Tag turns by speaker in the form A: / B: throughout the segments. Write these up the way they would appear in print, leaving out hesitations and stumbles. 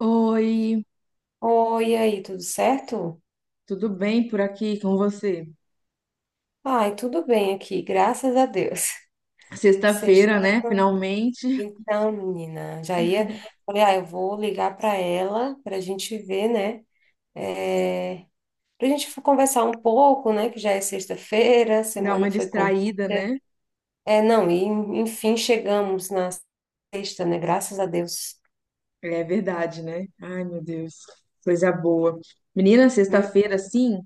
A: Oi,
B: Oi, e aí, tudo certo?
A: tudo bem por aqui com você?
B: Ai, tudo bem aqui, graças a Deus. Sexta.
A: Sexta-feira, né? Finalmente
B: Então, menina, já ia. Falei, ah, eu vou ligar para ela para a gente ver, né? É, para a gente conversar um pouco, né? Que já é sexta-feira, a
A: dá
B: semana
A: uma
B: foi curta.
A: distraída, né?
B: É, não, e enfim, chegamos na sexta, né? Graças a Deus.
A: É verdade, né? Ai, meu Deus, coisa boa. Menina,
B: Hum?
A: sexta-feira, assim,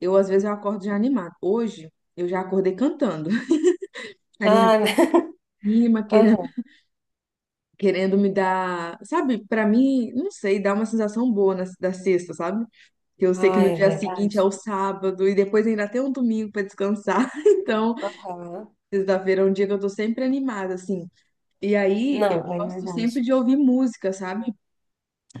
A: eu às vezes eu acordo já animada. Hoje eu já acordei cantando, anima,
B: Ah, né?
A: querendo,
B: Aham.
A: querendo me dar, sabe? Pra mim, não sei, dá uma sensação boa na, da sexta, sabe? Que eu sei que
B: Ah,
A: no
B: é
A: dia seguinte é
B: verdade.
A: o sábado e depois ainda tem um domingo pra descansar. Então,
B: Aham.
A: sexta-feira é um dia que eu tô sempre animada, assim. E aí, eu
B: Não, é
A: gosto sempre
B: verdade.
A: de ouvir música, sabe?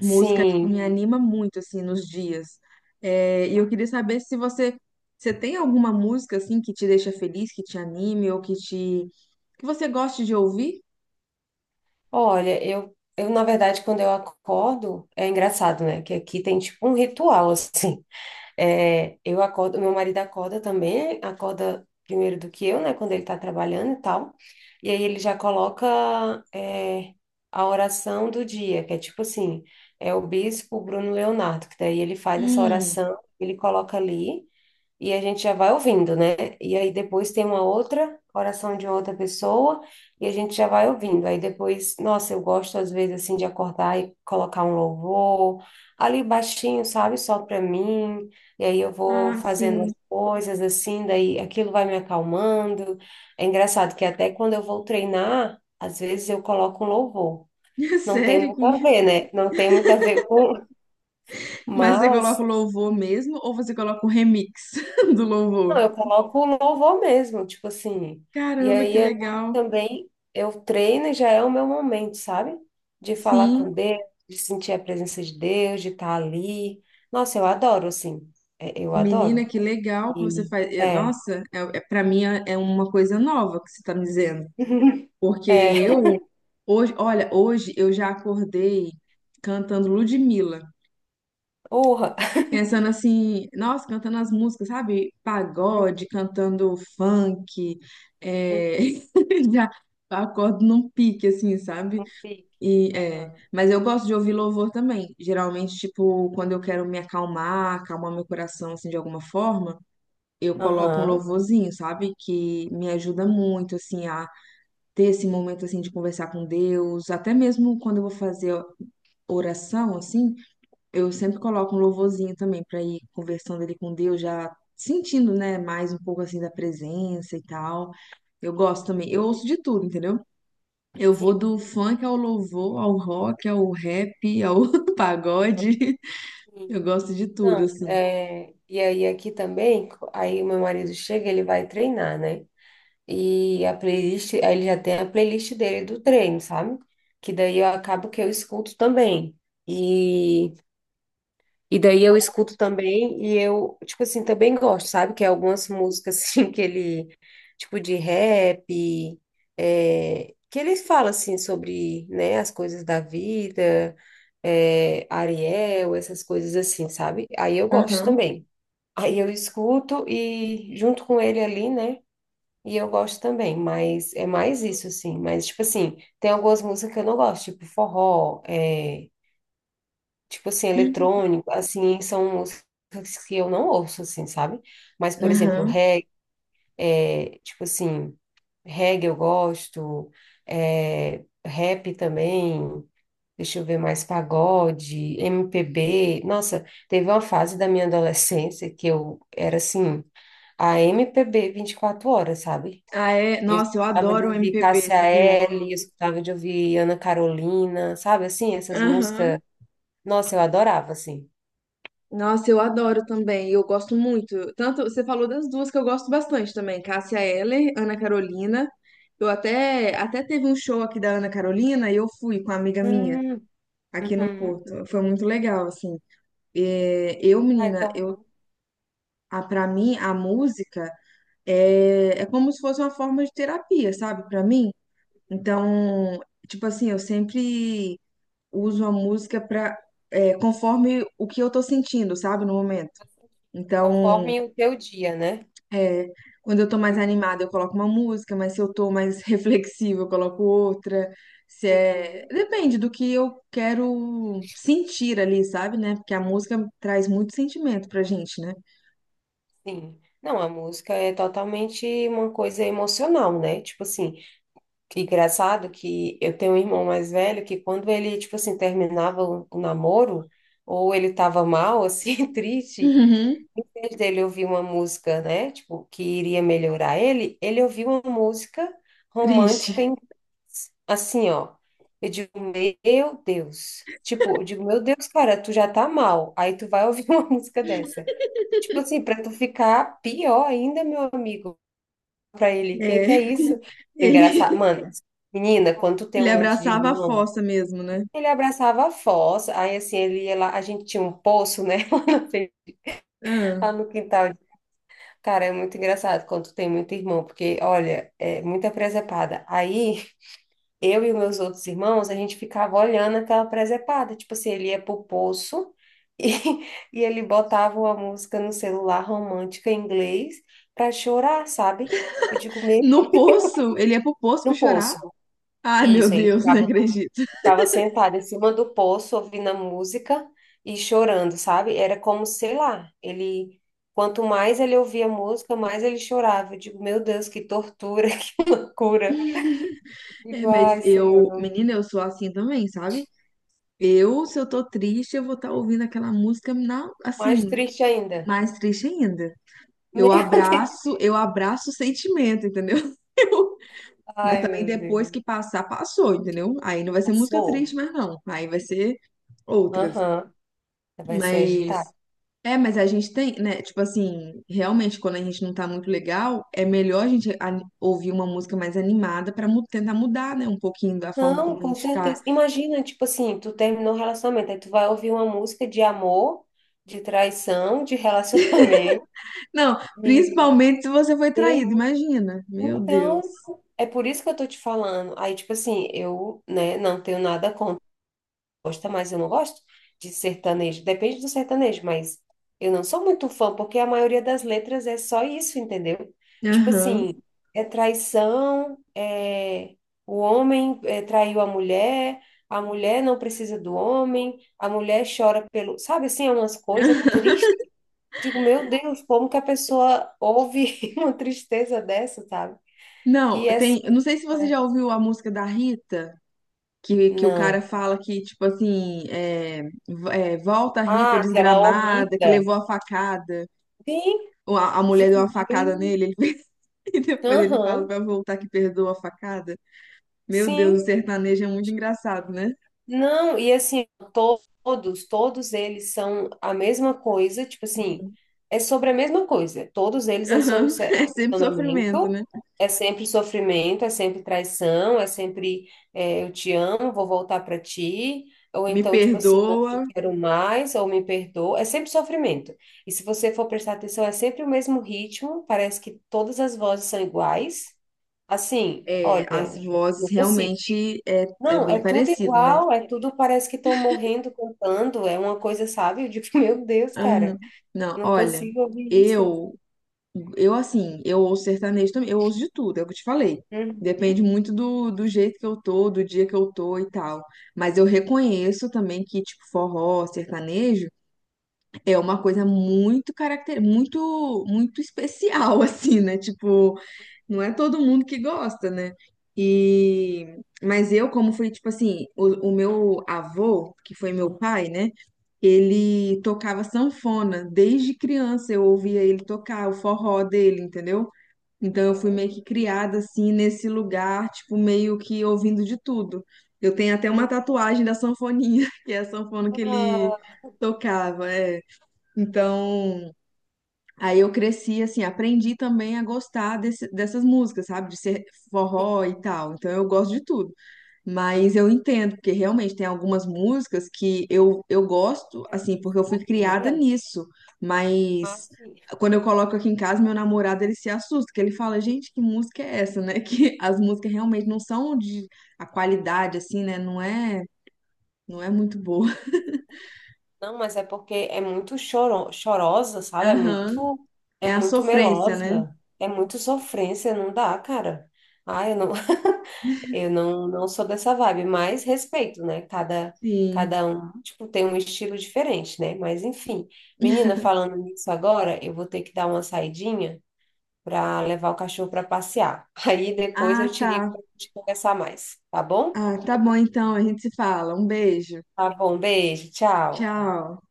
A: Música, tipo, me anima muito, assim, nos dias. É, e eu queria saber se você tem alguma música, assim, que te deixa feliz, que te anime ou que te... que você goste de ouvir?
B: olha, eu na verdade, quando eu acordo, é engraçado, né? Que aqui tem tipo um ritual, assim. É, eu acordo, meu marido acorda também, acorda primeiro do que eu, né? Quando ele tá trabalhando e tal. E aí ele já coloca, é, a oração do dia, que é tipo assim, é o bispo Bruno Leonardo, que daí ele faz essa
A: Hum,
B: oração, ele coloca ali e a gente já vai ouvindo, né? E aí depois tem uma outra oração de outra pessoa e a gente já vai ouvindo. Aí depois, nossa, eu gosto às vezes assim de acordar e colocar um louvor ali baixinho, sabe? Só para mim. E aí eu vou
A: ah,
B: fazendo
A: sim.
B: as coisas assim, daí aquilo vai me acalmando. É engraçado que até quando eu vou treinar, às vezes eu coloco um louvor. Não tem
A: Sério
B: muito a
A: que...
B: ver, né? Não tem muito a ver com,
A: Mas você coloca
B: mas
A: o louvor mesmo ou você coloca o remix do
B: não,
A: louvor?
B: eu coloco o louvor mesmo, tipo assim. E
A: Caramba,
B: aí
A: que
B: eu
A: legal.
B: também eu treino e já é o meu momento, sabe? De falar
A: Sim.
B: com Deus, de sentir a presença de Deus, de estar ali. Nossa, eu adoro, assim. É, eu
A: Menina,
B: adoro.
A: que legal que você
B: E
A: faz. Eh,
B: é,
A: nossa, para mim é uma coisa nova que você tá me dizendo. Porque
B: é,
A: eu, hoje, olha, hoje eu já acordei cantando Ludmilla,
B: urra.
A: pensando assim, nossa, cantando as músicas, sabe? Pagode, cantando funk, é,
B: Uhum,
A: já acordo num pique, assim, sabe?
B: um pique.
A: E, é,
B: Aham.
A: mas eu gosto de ouvir louvor também. Geralmente, tipo, quando eu quero me acalmar, acalmar meu coração, assim, de alguma forma, eu coloco um
B: Aham.
A: louvorzinho, sabe? Que me ajuda muito, assim, a ter esse momento assim de conversar com Deus, até mesmo quando eu vou fazer oração assim, eu sempre coloco um louvorzinho também para ir conversando ali com Deus, já sentindo, né, mais um pouco assim da presença e tal. Eu gosto também,
B: Uhum.
A: eu ouço de tudo, entendeu? Eu vou
B: Sim.
A: do funk ao louvor, ao rock, ao rap, ao
B: Uhum.
A: pagode. Eu
B: Sim.
A: gosto de tudo,
B: Não,
A: assim.
B: é, e aí aqui também, aí o meu marido chega, ele vai treinar, né? E a playlist, aí ele já tem a playlist dele do treino, sabe? Que daí eu acabo que eu escuto também. E, e daí eu escuto também e eu, tipo assim, também gosto, sabe? Que é algumas músicas assim que ele, tipo de rap, é, que ele fala assim sobre, né, as coisas da vida, é, Ariel, essas coisas assim, sabe? Aí eu gosto
A: Aham,
B: também. Aí eu escuto e junto com ele ali, né? E eu gosto também, mas é mais isso, assim. Mas, tipo assim, tem algumas músicas que eu não gosto, tipo forró, é, tipo assim, eletrônico, assim, são músicas que eu não ouço, assim, sabe? Mas, por exemplo,
A: aham.
B: reggae, é, tipo assim, reggae eu gosto, é, rap também, deixa eu ver mais, pagode, MPB. Nossa, teve uma fase da minha adolescência que eu era assim, a MPB 24 horas, sabe?
A: Ah, é.
B: Eu
A: Nossa, eu
B: escutava de
A: adoro o
B: ouvir
A: MPB,
B: Cássia
A: sabia?
B: Eller, eu escutava de ouvir Ana Carolina, sabe assim, essas músicas.
A: Aham.
B: Nossa, eu adorava, assim.
A: Nossa, eu adoro também. Eu gosto muito. Tanto você falou das duas que eu gosto bastante também, Cássia Eller, Ana Carolina. Eu até teve um show aqui da Ana Carolina e eu fui com uma amiga minha
B: Hum,
A: aqui no
B: uhum.
A: Porto. Foi muito legal, assim. É, eu,
B: Ah,
A: menina, eu
B: então,
A: a para mim a música é, é como se fosse uma forma de terapia, sabe? Pra mim. Então, tipo assim, eu sempre uso a música para conforme o que eu tô sentindo, sabe, no momento. Então,
B: conforme o teu dia, né?
A: é, quando eu tô mais
B: Uhum,
A: animada, eu coloco uma música, mas se eu tô mais reflexiva, eu coloco outra. Se é...
B: uhum,
A: Depende do que eu quero sentir ali, sabe, né? Porque a música traz muito sentimento pra gente, né?
B: sim. Não, a música é totalmente uma coisa emocional, né? Tipo assim, que engraçado que eu tenho um irmão mais velho que quando ele, tipo assim, terminava o namoro, ou ele tava mal, assim, triste.
A: Uhum,
B: Em vez dele ouvir uma música, né, tipo, que iria melhorar ele, ele ouviu uma música
A: triste.
B: romântica em assim, ó. Eu digo, meu Deus. Tipo, eu digo, meu Deus, cara, tu já tá mal. Aí tu vai ouvir uma música dessa. Tipo assim, pra tu ficar pior ainda, meu amigo. Pra ele,
A: É,
B: que é isso? Engraçado.
A: ele,
B: Mano, menina, quando tu tem
A: ele
B: um monte de
A: abraçava a
B: irmão,
A: fossa mesmo, né?
B: ele abraçava a fossa. Aí assim, ele ia lá, a gente tinha um poço, né?
A: Ah.
B: Lá no quintal. Cara, é muito engraçado quando tu tem muito irmão, porque, olha, é muita presepada. Aí, eu e os meus outros irmãos, a gente ficava olhando aquela presepada. Tipo assim, ele ia pro poço e, e ele botava uma música no celular romântica em inglês pra chorar, sabe? Eu digo, mesmo
A: No poço, ele ia pro poço pra
B: no
A: chorar.
B: poço.
A: Ai, meu
B: Isso, ele
A: Deus, não
B: ficava
A: acredito.
B: Ficava sentada em cima do poço, ouvindo a música e chorando, sabe? Era como, sei lá, ele. Quanto mais ele ouvia a música, mais ele chorava. Eu digo, meu Deus, que tortura, que loucura. E
A: É, mas
B: vai, Senhor,
A: eu,
B: não.
A: menina, eu sou assim também, sabe? Eu, se eu tô triste, eu vou estar ouvindo aquela música na,
B: Mais
A: assim,
B: triste ainda.
A: mais triste ainda.
B: Meu
A: Eu
B: Deus.
A: abraço, eu abraço o sentimento, entendeu? Eu- mas
B: Ai,
A: também
B: meu
A: depois que
B: Deus.
A: passar, passou, entendeu? Aí não vai ser música triste,
B: Passou?
A: mas não. Aí vai ser outras.
B: Aham. Vai ser
A: Mas
B: agitado.
A: é, mas a gente tem, né? Tipo assim, realmente quando a gente não tá muito legal, é melhor a gente ani- ouvir uma música mais animada para tentar mudar, né, um pouquinho da forma
B: Não,
A: como a
B: com
A: gente tá.
B: certeza. Imagina, tipo assim, tu terminou o relacionamento, aí tu vai ouvir uma música de amor, de traição, de relacionamento.
A: Não,
B: Meu
A: principalmente se você foi traído, imagina. Meu Deus.
B: Então, é por isso que eu tô te falando. Aí, tipo assim, eu, né, não tenho nada contra, gosta, mas eu não gosto de sertanejo. Depende do sertanejo, mas eu não sou muito fã, porque a maioria das letras é só isso, entendeu? Tipo
A: Aham.
B: assim, é traição, é o homem é, traiu a mulher não precisa do homem, a mulher chora pelo, sabe assim, é umas coisas tristes. Digo, meu Deus, como que a pessoa ouve uma tristeza dessa, sabe?
A: Não,
B: Que é.
A: tem. Eu não sei se você já ouviu a música da Rita, que o cara
B: Não.
A: fala que, tipo assim, é, v- é, volta a Rita
B: Ah, aquela
A: desgramada, que
B: horrida.
A: levou a facada,
B: Sim,
A: ou a
B: de
A: mulher deu uma facada
B: pudim.
A: nele, ele fez- e depois ele fala
B: Aham,
A: pra voltar que perdoa a facada. Meu Deus, o
B: sim.
A: sertanejo é muito engraçado, né?
B: Não, e assim, todos eles são a mesma coisa, tipo assim, é sobre a mesma coisa. Todos eles é sobre
A: Aham,
B: é
A: é sempre sofrimento,
B: relacionamento,
A: né?
B: é sempre sofrimento, é sempre traição, é sempre é, eu te amo, vou voltar pra ti, ou
A: Me
B: então, tipo assim, não
A: perdoa,
B: te quero mais, ou me perdoa, é sempre sofrimento. E se você for prestar atenção, é sempre o mesmo ritmo, parece que todas as vozes são iguais. Assim,
A: é, as
B: olha,
A: vozes
B: não consigo.
A: realmente é, é
B: Não, é
A: bem
B: tudo
A: parecido, né?
B: igual, é tudo parece que estão morrendo cantando, é uma coisa, sabe? Eu digo, meu Deus,
A: Aham.
B: cara,
A: Não,
B: eu não
A: olha,
B: consigo ouvir isso.
A: eu. Eu, assim, eu ouço sertanejo também, eu ouço de tudo, é o que eu te falei. Depende
B: Uhum,
A: muito do jeito que eu tô, do dia que eu tô e tal. Mas eu reconheço também que, tipo, forró, sertanejo. É uma coisa muito caracter, muito especial assim, né? Tipo, não é todo mundo que gosta, né? E mas eu como fui tipo assim, o meu avô, que foi meu pai, né? Ele tocava sanfona desde criança, eu ouvia ele tocar o forró dele, entendeu? Então eu fui
B: uhum,
A: meio que criada assim nesse lugar, tipo meio que ouvindo de tudo. Eu tenho até uma
B: uhum.
A: tatuagem da sanfoninha, que é a sanfona que ele
B: Ah,
A: tocava, é. Então, aí eu cresci, assim, aprendi também a gostar desse- dessas músicas, sabe? De ser forró
B: sim,
A: e tal. Então, eu gosto de tudo. Mas eu entendo, porque realmente tem algumas músicas que eu gosto,
B: é
A: assim,
B: muito
A: porque eu fui criada
B: choradeira.
A: nisso.
B: Ah,
A: Mas
B: sim.
A: quando eu coloco aqui em casa, meu namorado, ele se assusta, que ele fala, gente, que música é essa, né? Que as músicas realmente não são de... A qualidade, assim, né? Não é, não é muito boa.
B: Não, mas é porque é muito choro, chorosa, sabe?
A: Aham.
B: É
A: É a
B: muito
A: sofrência, né?
B: melosa, é muito sofrência, não dá, cara. Ai, eu não, não sou dessa vibe, mas respeito, né? Cada,
A: Sim.
B: cada um, tipo, tem um estilo diferente, né? Mas enfim, menina, falando nisso agora, eu vou ter que dar uma saidinha para levar o cachorro para passear. Aí depois eu
A: Ah,
B: te ligo
A: tá.
B: para gente conversar mais, tá bom?
A: Ah, tá bom então, a gente se fala. Um beijo.
B: Tá bom, beijo, tchau.
A: Tchau.